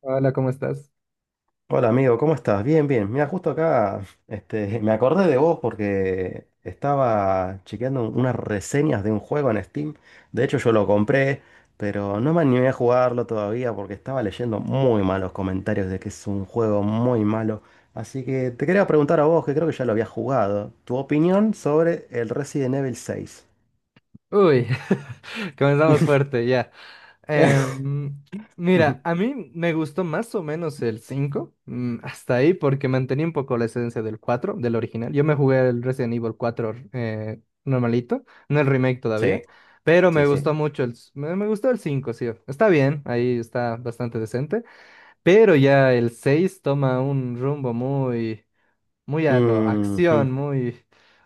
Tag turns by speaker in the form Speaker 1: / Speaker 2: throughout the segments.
Speaker 1: Hola, ¿cómo estás?
Speaker 2: Hola amigo, ¿cómo estás? Bien, bien. Mira, justo acá, me acordé de vos porque estaba chequeando unas reseñas de un juego en Steam. De hecho, yo lo compré, pero no me animé a jugarlo todavía porque estaba leyendo muy malos comentarios de que es un juego muy malo. Así que te quería preguntar a vos, que creo que ya lo habías jugado, tu opinión sobre el Resident Evil 6.
Speaker 1: Uy, comenzamos fuerte ya. Em, mira, a mí me gustó más o menos el 5, hasta ahí, porque mantenía un poco la esencia del 4, del original. Yo me jugué el Resident Evil 4 normalito, no el remake
Speaker 2: Sí,
Speaker 1: todavía, pero
Speaker 2: sí,
Speaker 1: me
Speaker 2: sí.
Speaker 1: gustó mucho me gustó el 5, sí. Está bien, ahí está bastante decente, pero ya el 6 toma un rumbo muy... muy a lo
Speaker 2: Mhm.
Speaker 1: acción, muy...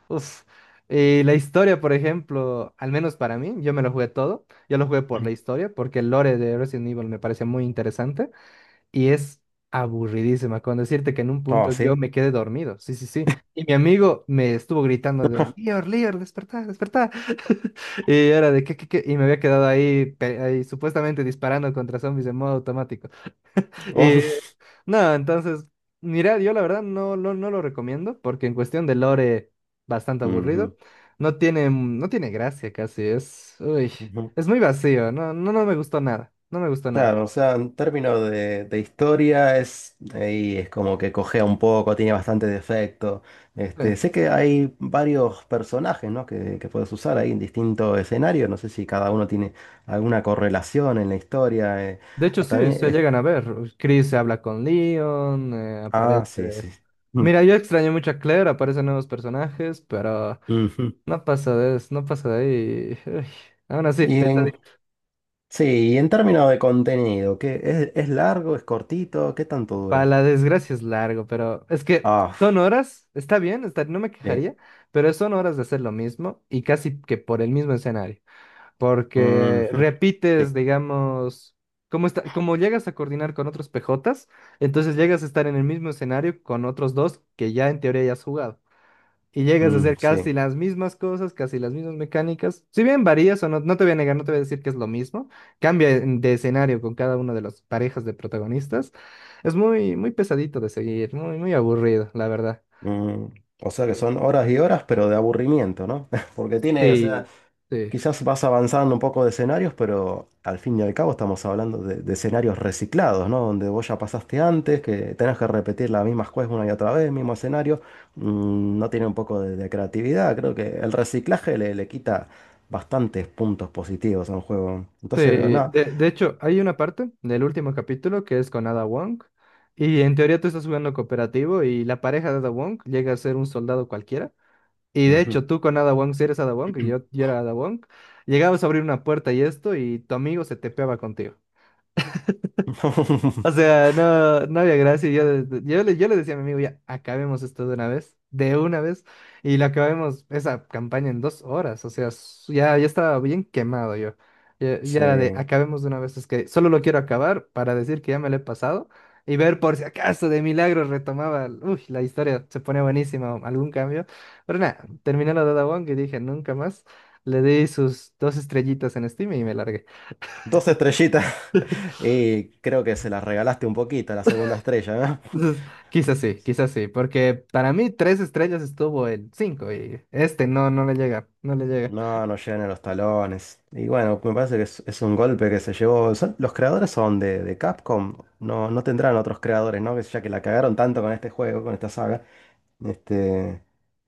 Speaker 1: Uf. Y la historia, por ejemplo, al menos para mí, yo me lo jugué todo. Yo lo jugué por la historia, porque el lore de Resident Evil me parece muy interesante y es aburridísima. Con decirte que en un
Speaker 2: Oh,
Speaker 1: punto yo
Speaker 2: sí.
Speaker 1: me quedé dormido. Sí, sí, sí. Y mi amigo me estuvo gritando de, Lior, Lior, despertá, despertá. Y era de, ¿qué, qué, qué? Y me había quedado ahí, ahí supuestamente disparando contra zombies en modo automático. Eh,
Speaker 2: Oh.
Speaker 1: no, entonces, mira, yo la verdad no, no, no lo recomiendo porque en cuestión de lore, bastante
Speaker 2: Ujú.
Speaker 1: aburrido. No tiene, no tiene gracia casi, es, uy,
Speaker 2: Ujú.
Speaker 1: es muy vacío, no, no, no me gustó nada, no me gustó nada.
Speaker 2: Claro, o sea, en términos de historia es ahí es como que cojea un poco, tiene bastante defecto.
Speaker 1: Sí.
Speaker 2: Sé que hay varios personajes, ¿no? que puedes usar ahí en distintos escenarios. No sé si cada uno tiene alguna correlación en la historia.
Speaker 1: de hecho,
Speaker 2: Ah,
Speaker 1: sí,
Speaker 2: También
Speaker 1: se
Speaker 2: es-
Speaker 1: llegan a ver. Chris se habla con Leon,
Speaker 2: Ah, sí,
Speaker 1: aparece...
Speaker 2: sí. Sí. Mm,
Speaker 1: Mira, yo extrañé mucho a Claire, aparecen nuevos personajes, pero
Speaker 2: ujú.
Speaker 1: no pasa de, eso, no pasa de ahí. Uy, aún así,
Speaker 2: Y en, sí, y en términos de contenido, ¿qué es largo, es cortito? ¿Qué tanto
Speaker 1: para
Speaker 2: dura?
Speaker 1: la desgracia es largo, pero es que
Speaker 2: Ah,
Speaker 1: son horas, está bien, está- no me
Speaker 2: sí.
Speaker 1: quejaría, pero son horas de hacer lo mismo y casi que por el mismo escenario, porque
Speaker 2: Ujú. Sí.
Speaker 1: repites, digamos, como está, como llegas a coordinar con otros PJs, entonces llegas a estar en el mismo escenario con otros dos que ya en teoría ya has jugado y llegas a
Speaker 2: Mm,
Speaker 1: hacer
Speaker 2: sí.
Speaker 1: casi las mismas cosas, casi las mismas mecánicas. Si bien varías o no, no te voy a negar, no te voy a decir que es lo mismo. Cambia de escenario con cada una de las parejas de protagonistas. Es muy, muy pesadito de seguir, muy, muy aburrido, la verdad.
Speaker 2: Mm, o sea que
Speaker 1: Sí,
Speaker 2: son horas y horas, pero de aburrimiento, ¿no? Porque tiene, o sea,
Speaker 1: sí, sí.
Speaker 2: quizás vas avanzando un poco de escenarios, pero al fin y al cabo estamos hablando de escenarios reciclados, ¿no? Donde vos ya pasaste antes, que tenés que repetir las mismas cosas una y otra vez, mismo escenario. No tiene un poco de creatividad. Creo que el reciclaje le quita bastantes puntos positivos a un juego.
Speaker 1: Sí.
Speaker 2: Entonces, nada.
Speaker 1: De hecho, hay una parte del último capítulo que es con Ada Wong. Y en teoría tú estás jugando cooperativo y la pareja de Ada Wong llega a ser un soldado cualquiera. Y de
Speaker 2: Ujú.
Speaker 1: hecho, tú con Ada Wong, si eres Ada Wong, y yo era Ada Wong, llegabas a abrir una puerta y esto, y tu amigo se tepeaba contigo. O sea, no, no había gracia. Y yo le decía a mi amigo, ya, acabemos esto de una vez, de una vez. Y la acabemos esa campaña en 2 horas. O sea, ya, ya estaba bien quemado yo. Ya, ya
Speaker 2: Sí.
Speaker 1: era de, acabemos de una vez. Es que solo lo quiero acabar para decir que ya me lo he pasado y ver por si acaso de milagro retomaba. Uy, la historia se pone buenísima, o algún cambio. Pero nada, terminé la Dada Wong y dije, nunca más. Le di sus dos estrellitas en Steam y me largué.
Speaker 2: Dos estrellitas y creo que se las regalaste un poquito a la segunda estrella, ¿no?
Speaker 1: Entonces, quizás sí, quizás sí, porque para mí tres estrellas estuvo en cinco y este no, no le llega, no le llega.
Speaker 2: No, no llegan a los talones. Y bueno, me parece que es un golpe que se llevó. Los creadores son de Capcom, no tendrán otros creadores, ¿no? Que ya que la cagaron tanto con este juego, con esta saga. Este,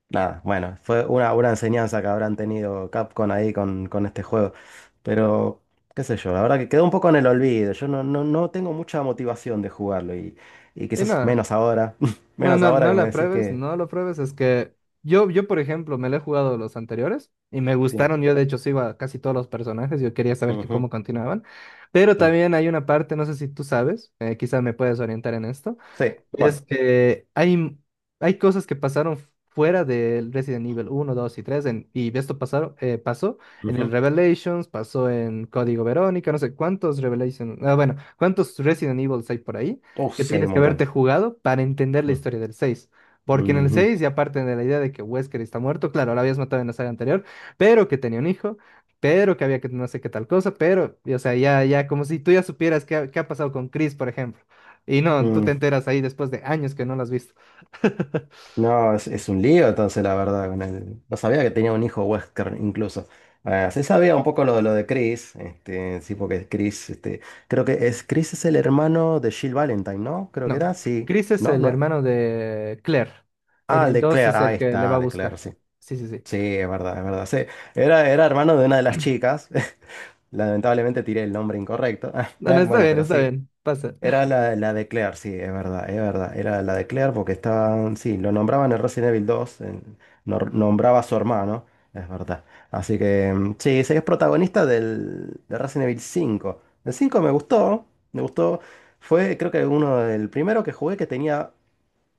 Speaker 2: Nada, bueno, fue una enseñanza que habrán tenido Capcom ahí con este juego. Pero, qué sé yo, la verdad que quedó un poco en el olvido. Yo no tengo mucha motivación de jugarlo y
Speaker 1: Y
Speaker 2: quizás
Speaker 1: no,
Speaker 2: menos ahora.
Speaker 1: no,
Speaker 2: Menos
Speaker 1: no,
Speaker 2: ahora
Speaker 1: no
Speaker 2: que me
Speaker 1: la
Speaker 2: decís
Speaker 1: pruebes,
Speaker 2: que...
Speaker 1: no lo pruebes, es que yo por ejemplo, me lo he jugado los anteriores y me
Speaker 2: Sí.
Speaker 1: gustaron, yo de hecho sigo a casi todos los personajes, yo quería saber que cómo
Speaker 2: Ujú,
Speaker 1: continuaban, pero
Speaker 2: sí.
Speaker 1: también hay una parte, no sé si tú sabes, quizás me puedes orientar en esto.
Speaker 2: Sí,
Speaker 1: Es
Speaker 2: ¿cuál?
Speaker 1: que hay cosas que pasaron fuera del Resident Evil 1, 2 y 3, y esto pasaron, pasó en el
Speaker 2: Ujú.
Speaker 1: Revelations, pasó en Código Verónica, no sé cuántos Revelations, ah, bueno, cuántos Resident Evils hay por ahí que
Speaker 2: Sí, hay
Speaker 1: tienes
Speaker 2: un
Speaker 1: que haberte
Speaker 2: montón.
Speaker 1: jugado para entender la historia del 6, porque en el
Speaker 2: Mm,
Speaker 1: 6 ya aparte de la idea de que Wesker está muerto, claro, lo habías matado en la saga anterior, pero que tenía un hijo, pero que había que no sé qué tal cosa, pero, y, o sea, ya, como si tú ya supieras qué ha pasado con Chris, por ejemplo. Y no, tú te
Speaker 2: ujú.
Speaker 1: enteras ahí después de años que no lo has visto.
Speaker 2: No, es un lío entonces, la verdad, con él. No sabía que tenía un hijo Wesker incluso. Ah, sí sabía un poco lo, de Chris, sí, porque Chris, creo que Chris es el hermano de Jill Valentine, ¿no? Creo que
Speaker 1: No,
Speaker 2: era, sí.
Speaker 1: Chris es
Speaker 2: ¿No?
Speaker 1: el
Speaker 2: ¿No?
Speaker 1: hermano de Claire. En
Speaker 2: Ah, el
Speaker 1: el
Speaker 2: de
Speaker 1: 2
Speaker 2: Claire,
Speaker 1: es el
Speaker 2: ahí
Speaker 1: que le va
Speaker 2: está,
Speaker 1: a
Speaker 2: el de Claire,
Speaker 1: buscar.
Speaker 2: sí.
Speaker 1: Sí, sí, sí.
Speaker 2: Sí, es verdad, sí. Era hermano de una de las chicas. Lamentablemente tiré el nombre incorrecto.
Speaker 1: No, no, está
Speaker 2: Bueno,
Speaker 1: bien,
Speaker 2: pero
Speaker 1: está
Speaker 2: sí.
Speaker 1: bien. Pasa.
Speaker 2: Era la de Claire, sí, es verdad, es verdad. Era la de Claire porque estaban, sí, lo nombraban en Resident Evil 2 nombraba a su hermano, es verdad. Así que, mm, sí, sí, es protagonista de Resident Evil 5. El 5 me gustó, me gustó. Fue, creo que uno del primero que jugué que tenía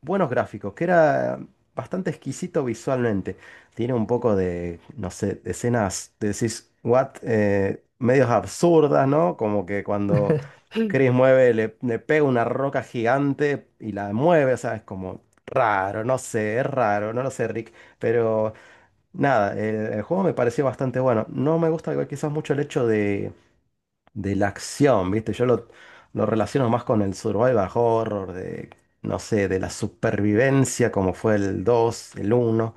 Speaker 2: buenos gráficos, que era bastante exquisito visualmente. Tiene un poco de, no sé, de escenas, de decís, what, medios absurdas, ¿no? Como que cuando Chris mueve, le pega una roca gigante y la mueve, o sea, es como raro, no sé, es raro, no lo sé, Rick, pero nada, el juego me pareció bastante bueno. No me gusta igual quizás mucho el hecho de la acción, ¿viste? Yo lo relaciono más con el survival horror, de, no sé, de la supervivencia, como fue el dos, el uno.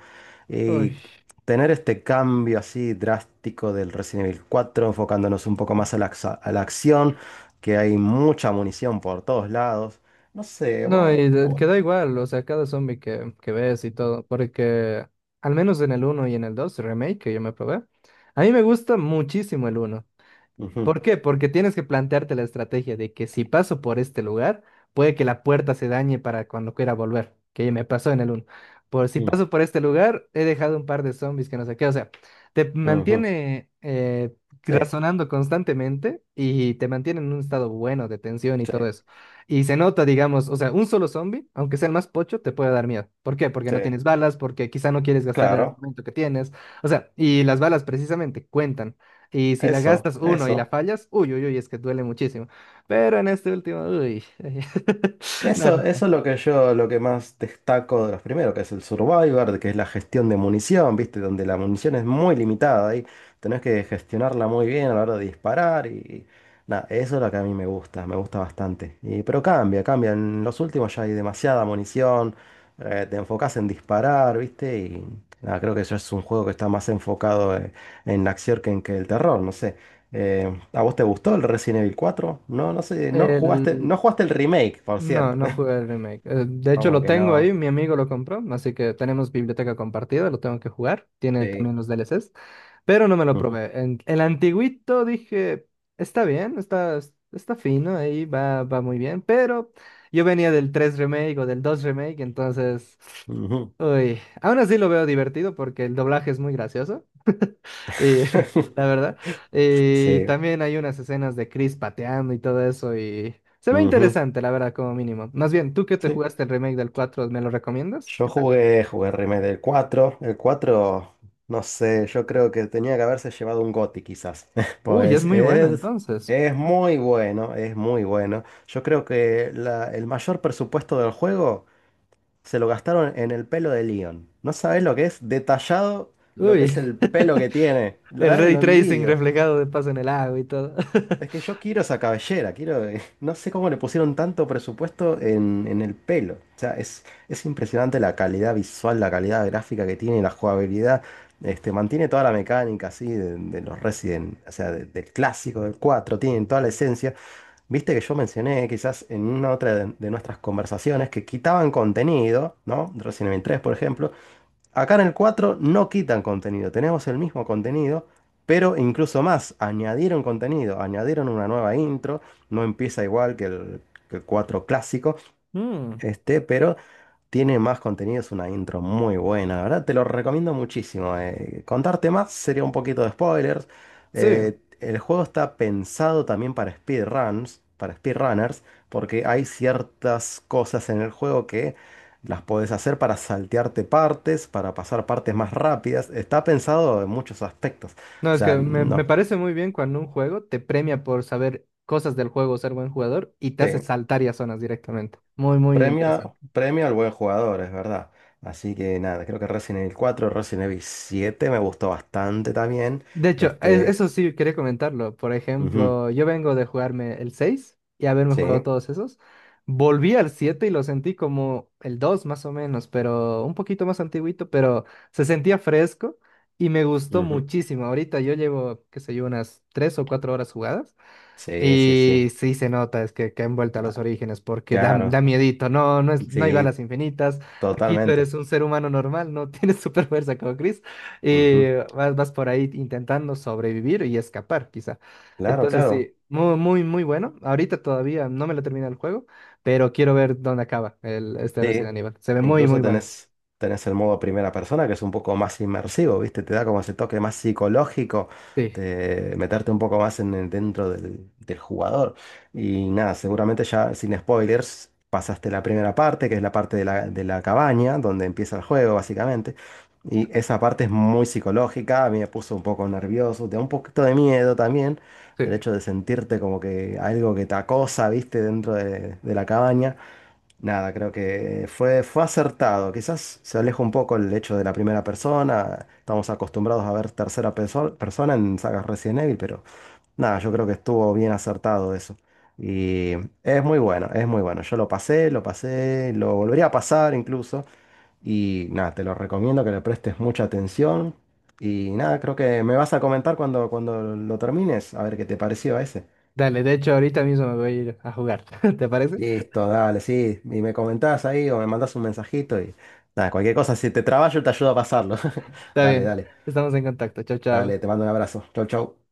Speaker 1: Uy.
Speaker 2: Y tener este cambio así drástico del Resident Evil 4 enfocándonos un poco más a la acción, que hay mucha munición por todos lados. No sé,
Speaker 1: No,
Speaker 2: vos...
Speaker 1: y
Speaker 2: a vos-
Speaker 1: queda igual, o sea, cada zombie que ves y todo, porque al menos en el uno y en el 2 remake que yo me, probé, a mí me gusta muchísimo el uno.
Speaker 2: Ujú,
Speaker 1: ¿Por qué? Porque tienes que plantearte la estrategia de que si paso por este lugar, puede que la puerta se dañe para cuando quiera volver, que me pasó en el uno. Por si
Speaker 2: ujú,
Speaker 1: paso por este lugar, he dejado un par de zombies que no sé qué. O sea, te
Speaker 2: ujú.
Speaker 1: mantiene
Speaker 2: Sí,
Speaker 1: razonando constantemente y te mantiene en un estado bueno de tensión y
Speaker 2: sí,
Speaker 1: todo eso. Y se nota, digamos, o sea, un solo zombie, aunque sea el más pocho, te puede dar miedo. ¿Por qué? Porque
Speaker 2: sí,
Speaker 1: no tienes balas, porque quizá no quieres gastar el
Speaker 2: claro,
Speaker 1: armamento que tienes. O sea, y las balas precisamente cuentan. Y si la
Speaker 2: eso,
Speaker 1: gastas uno y la
Speaker 2: eso.
Speaker 1: fallas, uy, uy, uy, es que duele muchísimo. Pero en este último, uy. No,
Speaker 2: Eso,
Speaker 1: no.
Speaker 2: eso es lo que más destaco de los primeros, que es el Survivor, de que es la gestión de munición, ¿viste? Donde la munición es muy limitada y tenés que gestionarla muy bien a la hora de disparar y nada, eso es lo que a mí me gusta bastante. Pero cambia, cambia. En los últimos ya hay demasiada munición, te enfocás en disparar, ¿viste? Y nada, creo que eso es un juego que está más enfocado en la acción que en que el terror, no sé. ¿A vos te gustó el Resident Evil 4? No, no sé, no jugaste,
Speaker 1: El...
Speaker 2: no jugaste el remake, por
Speaker 1: No,
Speaker 2: cierto.
Speaker 1: no jugué el remake. De hecho,
Speaker 2: Como
Speaker 1: lo
Speaker 2: que
Speaker 1: tengo
Speaker 2: no.
Speaker 1: ahí, mi amigo lo compró, así que tenemos biblioteca compartida, lo tengo que jugar. Tiene también
Speaker 2: Sí.
Speaker 1: los DLCs, pero no me lo
Speaker 2: Ujú,
Speaker 1: probé. El antiguito dije, está bien, está, está fino, ahí va, va muy bien, pero yo venía del 3 remake o del 2 remake, entonces...
Speaker 2: ujú.
Speaker 1: Uy, aún así lo veo divertido porque el doblaje es muy gracioso, eh, la verdad.
Speaker 2: Sí.
Speaker 1: También hay unas escenas de Chris pateando y todo eso y se ve
Speaker 2: Ujú.
Speaker 1: interesante, la verdad, como mínimo. Más bien, tú que te
Speaker 2: Sí.
Speaker 1: jugaste el remake del cuatro, ¿me lo recomiendas?
Speaker 2: Yo
Speaker 1: ¿Qué tal?
Speaker 2: jugué el remake del 4. El 4, no sé, yo creo que tenía que haberse llevado un GOTY quizás.
Speaker 1: Uy, es
Speaker 2: Pues
Speaker 1: muy bueno
Speaker 2: es,
Speaker 1: entonces.
Speaker 2: es muy bueno, es muy bueno. Yo creo que el mayor presupuesto del juego se lo gastaron en el pelo de Leon. No sabés lo que es detallado, lo que
Speaker 1: Uy,
Speaker 2: es el pelo que tiene. Lo,
Speaker 1: el
Speaker 2: eh,
Speaker 1: ray
Speaker 2: lo
Speaker 1: tracing
Speaker 2: envidio.
Speaker 1: reflejado de paso en el agua y todo.
Speaker 2: Es que yo quiero esa cabellera, quiero. No sé cómo le pusieron tanto presupuesto en el pelo. O sea, es impresionante la calidad visual, la calidad gráfica que tiene, la jugabilidad. Mantiene toda la mecánica así de los Resident, o sea, del clásico, del 4 tienen toda la esencia. Viste que yo mencioné quizás en una otra de nuestras conversaciones que quitaban contenido, ¿no? Resident Evil 3, por ejemplo. Acá en el 4 no quitan contenido, tenemos el mismo contenido, pero incluso más, añadieron contenido, añadieron una nueva intro, no empieza igual que que el 4 clásico,
Speaker 1: Mm,
Speaker 2: pero tiene más contenido, es una intro muy buena, la verdad, te lo recomiendo muchísimo. Contarte más sería un poquito de spoilers.
Speaker 1: sí.
Speaker 2: El juego está pensado también para speedruns, para speedrunners, porque hay ciertas cosas en el juego que las podés hacer para saltearte partes, para pasar partes más rápidas. Está pensado en muchos aspectos.
Speaker 1: No,
Speaker 2: O
Speaker 1: es que
Speaker 2: sea,
Speaker 1: me
Speaker 2: no.
Speaker 1: parece muy bien cuando un juego te premia por saber cosas del juego, ser buen jugador y te
Speaker 2: Sí.
Speaker 1: hace saltar y a zonas directamente. Muy, muy interesante.
Speaker 2: Premia, premia al buen jugador, es verdad. Así que nada, creo que Resident Evil 4, Resident Evil 7 me gustó bastante también.
Speaker 1: De hecho,
Speaker 2: Este,
Speaker 1: eso sí quería comentarlo. Por
Speaker 2: ujú,
Speaker 1: ejemplo, yo vengo de jugarme el 6 y haberme jugado
Speaker 2: sí,
Speaker 1: todos esos. Volví al 7 y lo sentí como el 2 más o menos, pero un poquito más antiguito, pero se sentía fresco y me gustó
Speaker 2: ujú,
Speaker 1: muchísimo. Ahorita yo llevo, qué sé yo, unas 3 o 4 horas jugadas
Speaker 2: sí, sí, sí.
Speaker 1: y sí se nota, es que han vuelto a los
Speaker 2: Ah,
Speaker 1: orígenes, porque da
Speaker 2: claro, ah,
Speaker 1: miedito, no hay
Speaker 2: sí,
Speaker 1: balas infinitas, aquí tú
Speaker 2: totalmente.
Speaker 1: eres un ser humano normal, no tienes super fuerza como Chris, y
Speaker 2: Ujú.
Speaker 1: vas por ahí intentando sobrevivir y escapar, quizá.
Speaker 2: Claro,
Speaker 1: Entonces
Speaker 2: claro.
Speaker 1: sí, muy, muy, muy bueno. Ahorita todavía no me lo termina el juego, pero quiero ver dónde acaba el, este
Speaker 2: Sí,
Speaker 1: Resident Evil. Se ve muy, muy
Speaker 2: incluso
Speaker 1: bueno.
Speaker 2: tenés, tenés el modo primera persona, que es un poco más inmersivo, ¿viste? Te da como ese toque más psicológico
Speaker 1: Sí,
Speaker 2: de meterte un poco más dentro del jugador. Y nada, seguramente ya sin spoilers pasaste la primera parte, que es la parte de la cabaña, donde empieza el juego, básicamente. Y esa parte es muy psicológica, a mí me puso un poco nervioso, te da un poquito de miedo también, del
Speaker 1: sí.
Speaker 2: hecho de sentirte como que algo que te acosa, ¿viste? Dentro de la cabaña. Nada, creo que fue acertado. Quizás se aleja un poco el hecho de la primera persona. Estamos acostumbrados a ver tercera persona en sagas Resident Evil, pero nada, yo creo que estuvo bien acertado eso. Y es muy bueno, es muy bueno. Yo lo pasé, lo pasé, lo volvería a pasar incluso. Y nada, te lo recomiendo que le prestes mucha atención. Y nada, creo que me vas a comentar cuando lo termines, a ver qué te pareció a ese.
Speaker 1: Dale, de hecho ahorita mismo me voy a ir a jugar, ¿te parece?
Speaker 2: Listo, dale, sí. Y me comentás ahí o me mandás un mensajito y nada, cualquier cosa, si te trabajo te ayudo a pasarlo.
Speaker 1: Está
Speaker 2: Dale,
Speaker 1: bien,
Speaker 2: dale,
Speaker 1: estamos en contacto, chao,
Speaker 2: dale,
Speaker 1: chao.
Speaker 2: te mando un abrazo. Chau, chau.